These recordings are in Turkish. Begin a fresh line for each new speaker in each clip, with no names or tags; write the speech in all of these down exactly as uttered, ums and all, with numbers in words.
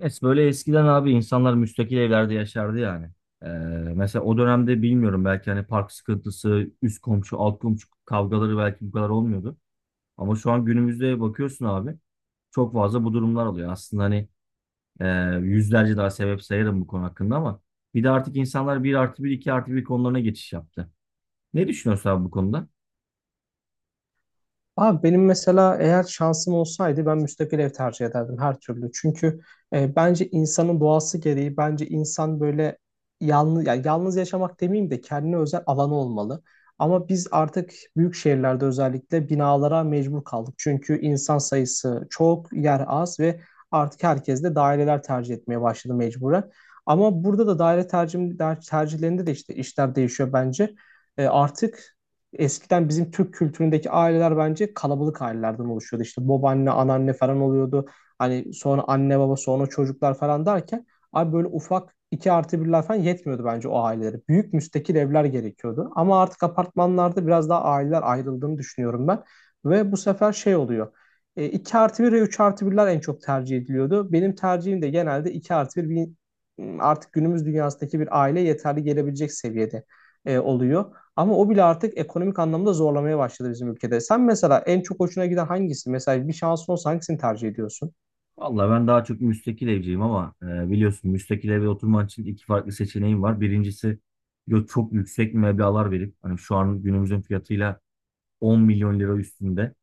Es böyle eskiden abi, insanlar müstakil evlerde yaşardı yani. Ee, Mesela o dönemde bilmiyorum, belki hani park sıkıntısı, üst komşu, alt komşu kavgaları belki bu kadar olmuyordu. Ama şu an günümüzde bakıyorsun abi, çok fazla bu durumlar oluyor. Aslında hani, e, yüzlerce daha sebep sayarım bu konu hakkında, ama bir de artık insanlar bir artı bir, iki artı bir konularına geçiş yaptı. Ne düşünüyorsun abi bu konuda?
Abi benim mesela eğer şansım olsaydı ben müstakil ev tercih ederdim her türlü. Çünkü e, bence insanın doğası gereği bence insan böyle yalnız ya yalnız yaşamak demeyeyim de kendine özel alanı olmalı. Ama biz artık büyük şehirlerde özellikle binalara mecbur kaldık. Çünkü insan sayısı çok, yer az ve artık herkes de daireler tercih etmeye başladı mecburen. Ama burada da daire tercih, tercihlerinde de işte işler değişiyor bence. E, artık Eskiden bizim Türk kültüründeki aileler bence kalabalık ailelerden oluşuyordu. İşte babaanne, anneanne falan oluyordu. Hani sonra anne baba, sonra çocuklar falan derken abi böyle ufak iki artı birler falan yetmiyordu bence o ailelere. Büyük müstakil evler gerekiyordu. Ama artık apartmanlarda biraz daha aileler ayrıldığını düşünüyorum ben. Ve bu sefer şey oluyor. E, iki artı bir ve üç artı birler en çok tercih ediliyordu. Benim tercihim de genelde iki artı bir. Artık günümüz dünyasındaki bir aile yeterli gelebilecek seviyede e, oluyor. Ama o bile artık ekonomik anlamda zorlamaya başladı bizim ülkede. Sen mesela en çok hoşuna giden hangisi? Mesela bir şansın olsa hangisini tercih ediyorsun?
Vallahi ben daha çok müstakil evciyim, ama e, biliyorsun müstakil eve oturman için iki farklı seçeneğim var. Birincisi, yo- çok yüksek meblağlar verip hani şu an günümüzün fiyatıyla on milyon lira üstünde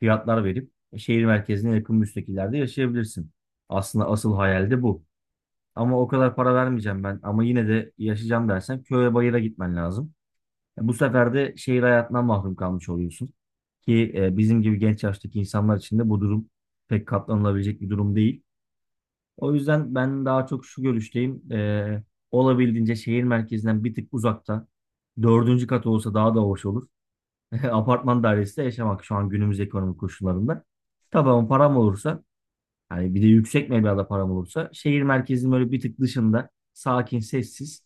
fiyatlar verip, e, şehir merkezine yakın müstakillerde yaşayabilirsin. Aslında asıl hayal de bu. Ama o kadar para vermeyeceğim ben, ama yine de yaşayacağım dersen köye bayıra gitmen lazım. E, bu sefer de şehir hayatından mahrum kalmış oluyorsun. Ki e, bizim gibi genç yaştaki insanlar için de bu durum pek katlanılabilecek bir durum değil. O yüzden ben daha çok şu görüşteyim. Ee, olabildiğince şehir merkezinden bir tık uzakta. Dördüncü kat olsa daha da hoş olur. Apartman dairesinde yaşamak şu an günümüz ekonomik koşullarında. Tabii, ama param olursa, hani bir de yüksek meblağda param olursa, şehir merkezinin böyle bir tık dışında, sakin, sessiz,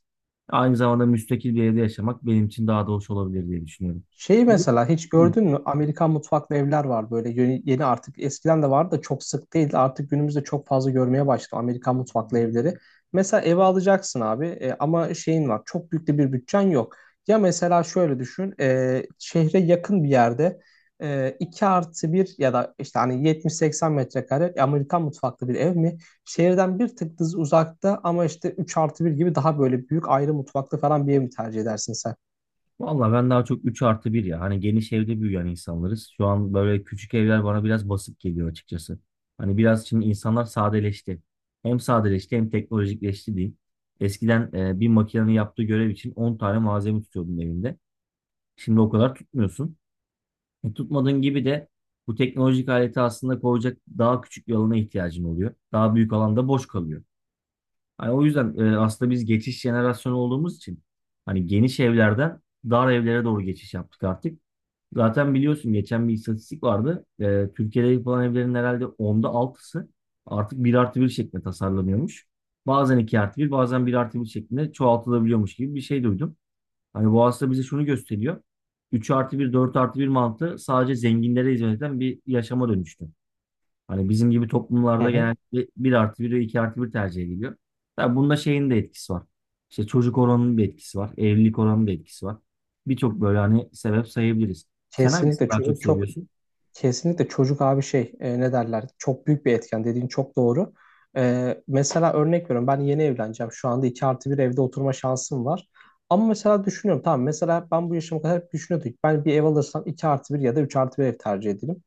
aynı zamanda müstakil bir evde yaşamak benim için daha da hoş olabilir diye düşünüyorum.
Şeyi mesela hiç
Hı.
gördün mü? Amerikan mutfaklı evler var böyle yeni, yeni artık eskiden de vardı da çok sık değil, artık günümüzde çok fazla görmeye başladı Amerikan mutfaklı evleri. Mesela eve alacaksın abi, e, ama şeyin var, çok büyük de bir bütçen yok. Ya mesela şöyle düşün, e, şehre yakın bir yerde e, iki artı bir ya da işte hani yetmiş seksen metrekare Amerikan mutfaklı bir ev mi? Şehirden bir tık düz uzakta ama işte üç artı bir gibi daha böyle büyük ayrı mutfaklı falan bir ev mi tercih edersin sen?
Vallahi ben daha çok üç artı bir ya. Hani geniş evde büyüyen insanlarız. Şu an böyle küçük evler bana biraz basit geliyor açıkçası. Hani biraz şimdi insanlar sadeleşti. Hem sadeleşti hem teknolojikleşti diyeyim. Eskiden e, bir makinenin yaptığı görev için on tane malzeme tutuyordun evinde. Şimdi o kadar tutmuyorsun. E, tutmadığın gibi de bu teknolojik aleti aslında koyacak daha küçük bir alana ihtiyacın oluyor. Daha büyük alanda boş kalıyor. Hani o yüzden, e, aslında biz geçiş jenerasyonu olduğumuz için hani geniş evlerden dar evlere doğru geçiş yaptık artık. Zaten biliyorsun geçen bir istatistik vardı. Ee, Türkiye'de yapılan evlerin herhalde onda altısı artık bir artı bir şeklinde tasarlanıyormuş. Bazen iki artı bir bazen bir artı bir şeklinde çoğaltılabiliyormuş gibi bir şey duydum. Hani bu aslında bize şunu gösteriyor. üç artı bir, dört artı bir mantığı sadece zenginlere hizmet eden bir yaşama dönüştü. Hani bizim gibi
Hı
toplumlarda
hı.
genellikle bir artı bir ve iki artı bir tercih ediliyor. Tabii bunda şeyin de etkisi var. İşte çocuk oranının bir etkisi var. Evlilik oranının da etkisi var. Birçok böyle hani sebep sayabiliriz. Sen hangisini
Kesinlikle
daha çok
çocuk çok
seviyorsun?
kesinlikle çocuk abi, şey e, ne derler, çok büyük bir etken dediğin çok doğru. E, mesela örnek veriyorum, ben yeni evleneceğim, şu anda iki artı bir evde oturma şansım var. Ama mesela düşünüyorum, tamam mesela ben bu yaşıma kadar hep düşünüyordum ki ben bir ev alırsam iki artı bir ya da üç artı bir ev tercih ederim.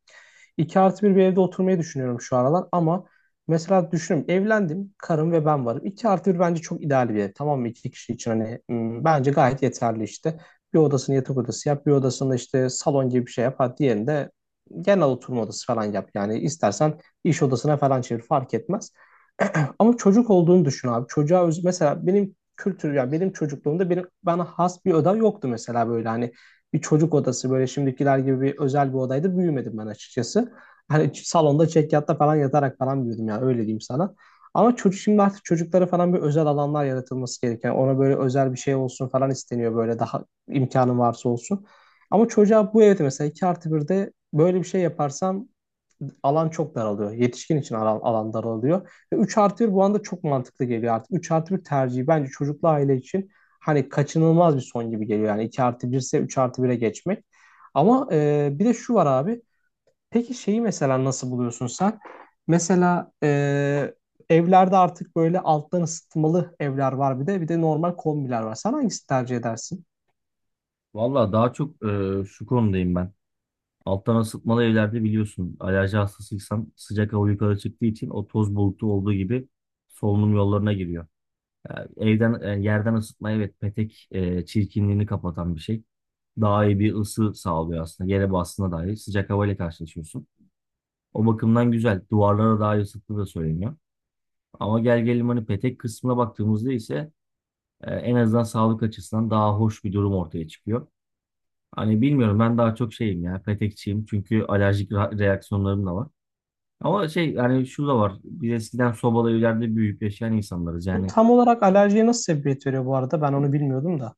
iki artı bir bir evde oturmayı düşünüyorum şu aralar ama mesela düşünüyorum, evlendim, karım ve ben varım. İki artı bir bence çok ideal bir ev, tamam mı? İki kişi için, hani, hmm, bence gayet yeterli işte. Bir odasını yatak odası yap, bir odasını işte salon gibi bir şey yap. Hadi diğerinde genel oturma odası falan yap. Yani istersen iş odasına falan çevir, fark etmez. Ama çocuk olduğunu düşün abi. Çocuğa öz- mesela benim kültür, yani benim çocukluğumda benim bana has bir oda yoktu mesela, böyle hani bir çocuk odası böyle şimdikiler gibi bir özel bir odaydı büyümedim ben açıkçası. Hani salonda çekyatta falan yatarak falan büyüdüm, yani öyle diyeyim sana. Ama çocuk şimdi artık, çocuklara falan bir özel alanlar yaratılması gereken, ona böyle özel bir şey olsun falan isteniyor, böyle daha imkanı varsa olsun. Ama çocuğa bu evde mesela iki artı birde böyle bir şey yaparsam alan çok daralıyor. Yetişkin için alan, alan daralıyor. Ve üç artı bir bu anda çok mantıklı geliyor artık. Üç artı bir tercihi bence çocuklu aile için hani kaçınılmaz bir son gibi geliyor. Yani iki artı bir ise üç artı bire geçmek. Ama e, bir de şu var abi. Peki şeyi mesela nasıl buluyorsun sen? Mesela e, evlerde artık böyle alttan ısıtmalı evler var bir de. Bir de normal kombiler var. Sen hangisini tercih edersin?
Valla daha çok e, şu konudayım ben. Alttan ısıtmalı evlerde biliyorsun, alerji hastasıysan sıcak hava yukarı çıktığı için o toz bulutu olduğu gibi solunum yollarına giriyor. Yani evden, e, yerden ısıtma, evet, petek, e, çirkinliğini kapatan bir şey. Daha iyi bir ısı sağlıyor aslında. Gene basına dair sıcak havayla karşılaşıyorsun. O bakımdan güzel. Duvarlara daha iyi ısıttığı da söyleniyor. Ama gel gelelim hani petek kısmına baktığımızda ise, e, en azından sağlık açısından daha hoş bir durum ortaya çıkıyor. Hani bilmiyorum, ben daha çok şeyim ya, petekçiyim, çünkü alerjik ra- reaksiyonlarım da var. Ama şey, yani şu da var, biz eskiden sobalı evlerde büyüyüp yaşayan insanlarız
Bu
yani.
tam olarak alerjiye nasıl sebebiyet veriyor bu arada? Ben onu bilmiyordum da.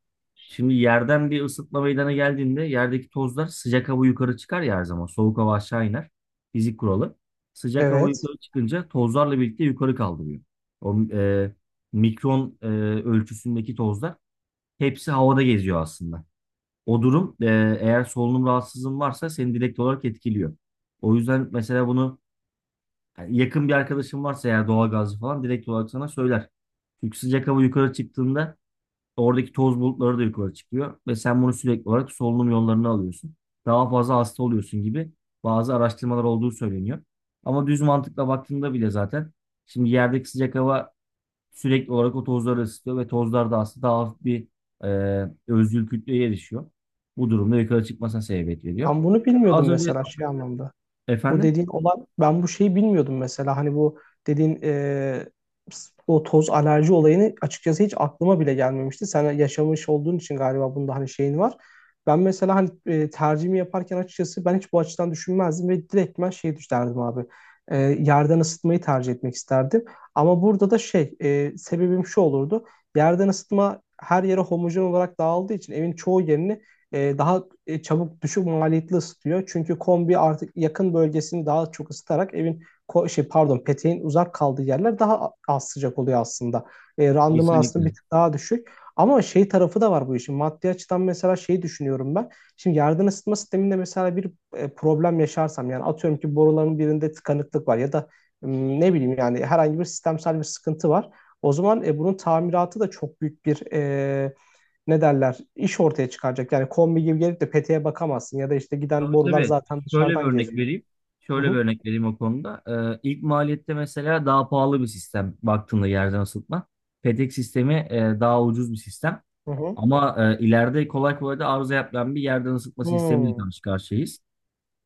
Şimdi yerden bir ısıtma meydana geldiğinde yerdeki tozlar, sıcak hava yukarı çıkar ya her zaman. Soğuk hava aşağı iner. Fizik kuralı. Sıcak hava
Evet.
yukarı çıkınca tozlarla birlikte yukarı kaldırıyor. O e, mikron e, ölçüsündeki tozlar, hepsi havada geziyor aslında. O durum, e, eğer solunum rahatsızlığın varsa seni direkt olarak etkiliyor. O yüzden mesela bunu, yani yakın bir arkadaşın varsa eğer doğalgazcı falan direkt olarak sana söyler. Çünkü sıcak hava yukarı çıktığında oradaki toz bulutları da yukarı çıkıyor ve sen bunu sürekli olarak solunum yollarını alıyorsun. Daha fazla hasta oluyorsun gibi bazı araştırmalar olduğu söyleniyor. Ama düz mantıkla baktığında bile zaten şimdi yerdeki sıcak hava sürekli olarak o tozları ısıtıyor ve tozlar da aslında daha hafif bir e, özgül kütleye erişiyor. Bu durumda yukarı çıkmasına sebebiyet veriyor.
Ben bunu bilmiyordum
Az önce
mesela şey anlamda. Bu
efendim,
dediğin, olan ben bu şeyi bilmiyordum mesela, hani bu dediğin, e, o toz alerji olayını açıkçası hiç aklıma bile gelmemişti. Sen yaşamış olduğun için galiba bunda hani şeyin var. Ben mesela hani, e, tercihimi yaparken açıkçası ben hiç bu açıdan düşünmezdim ve direkt ben şey düşünerdim abi. E, yerden ısıtmayı tercih etmek isterdim. Ama burada da şey, e, sebebim şu olurdu. Yerden ısıtma her yere homojen olarak dağıldığı için evin çoğu yerini e, daha e, çabuk, düşük maliyetli ısıtıyor. Çünkü kombi artık yakın bölgesini daha çok ısıtarak evin ko- şey pardon peteğin uzak kaldığı yerler daha az sıcak oluyor aslında. E, randıman
kesinlikle.
aslında bir tık daha düşük. Ama şey tarafı da var bu işin. Maddi açıdan mesela şeyi düşünüyorum ben. Şimdi yerden ısıtma sisteminde mesela bir e, problem yaşarsam, yani atıyorum ki boruların birinde tıkanıklık var ya da m, ne bileyim, yani herhangi bir sistemsel bir sıkıntı var. O zaman e, bunun tamiratı da çok büyük bir, e, ne derler, iş ortaya çıkaracak. Yani kombi gibi gelip de peteğe bakamazsın ya da işte giden
Tabii,
borular
tabii.
zaten
Şöyle bir
dışarıdan
örnek
geziyor.
vereyim.
Hı
Şöyle bir
hı.
örnek vereyim o konuda. Ee, ilk maliyette mesela daha pahalı bir sistem, baktığında yerden ısıtma. Petek sistemi e, daha ucuz bir sistem.
Hı hı.
Ama e, ileride kolay kolay da arıza yapılan bir yerden ısıtma sistemiyle
Hmm.
karşı karşıyayız.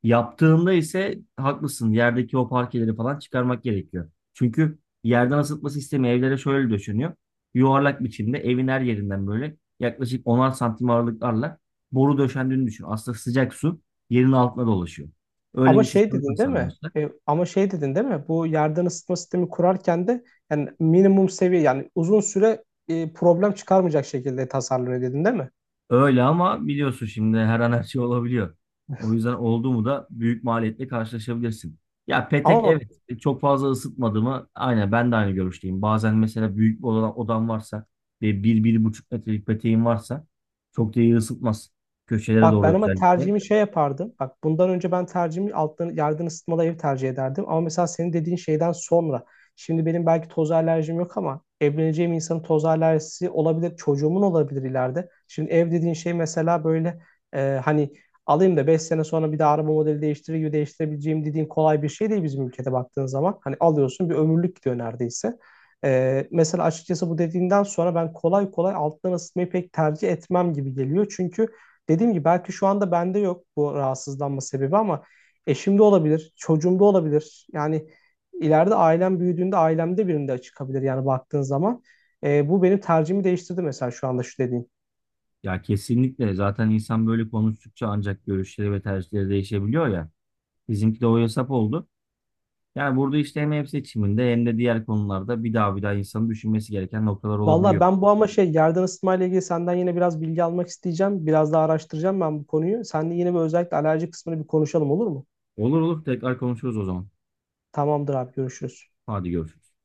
Yaptığında ise haklısın. Yerdeki o parkeleri falan çıkarmak gerekiyor. Çünkü yerden ısıtma sistemi evlere şöyle döşeniyor. Yuvarlak biçimde evin her yerinden böyle yaklaşık onar santim aralıklarla boru döşendiğini düşün. Aslında sıcak su yerin altına dolaşıyor. Öyle
Ama
bir
şey
sistem
dedin değil mi?
tasarlamışlar.
E, ama şey dedin değil mi? Bu yerden ısıtma sistemi kurarken de yani minimum seviye, yani uzun süre e, problem çıkarmayacak şekilde tasarlanıyor dedin değil mi?
Öyle, ama biliyorsun şimdi her an her şey olabiliyor. O yüzden oldu mu da büyük maliyetle karşılaşabilirsin. Ya petek,
Ama
evet, çok fazla ısıtmadı mı? Aynen, ben de aynı görüşteyim. Bazen mesela büyük bir odam, odam varsa ve bir, bir buçuk metrelik peteğim varsa çok da iyi ısıtmaz. Köşelere
Bak ben
doğru
ama
özellikle.
tercihimi şey yapardım. Bak bundan önce ben tercihimi alttan yerden ısıtmalı ev tercih ederdim. Ama mesela senin dediğin şeyden sonra. Şimdi benim belki toz alerjim yok ama evleneceğim insanın toz alerjisi olabilir. Çocuğumun olabilir ileride. Şimdi ev dediğin şey mesela böyle, e, hani alayım da beş sene sonra bir daha araba modeli değiştirir gibi değiştirebileceğim dediğin kolay bir şey değil bizim ülkede baktığın zaman. Hani alıyorsun, bir ömürlük gidiyor neredeyse. Ee, mesela açıkçası bu dediğinden sonra ben kolay kolay alttan ısıtmayı pek tercih etmem gibi geliyor. Çünkü dediğim gibi belki şu anda bende yok bu rahatsızlanma sebebi ama eşimde olabilir, çocuğumda olabilir. Yani ileride ailem büyüdüğünde ailemde birinde çıkabilir yani, baktığın zaman. E, bu benim tercihimi değiştirdi mesela şu anda şu dediğin.
Ya kesinlikle, zaten insan böyle konuştukça ancak görüşleri ve tercihleri değişebiliyor ya. Bizimki de o hesap oldu. Yani burada işte hem ev seçiminde hem de diğer konularda bir daha bir daha insanın düşünmesi gereken noktalar
Valla
olabiliyor.
ben bu ama şey, yerden ısıtma ile ilgili senden yine biraz bilgi almak isteyeceğim. Biraz daha araştıracağım ben bu konuyu. Seninle yine bir, özellikle alerji kısmını bir konuşalım, olur mu?
Olur olur, tekrar konuşuruz o zaman.
Tamamdır abi, görüşürüz.
Hadi görüşürüz.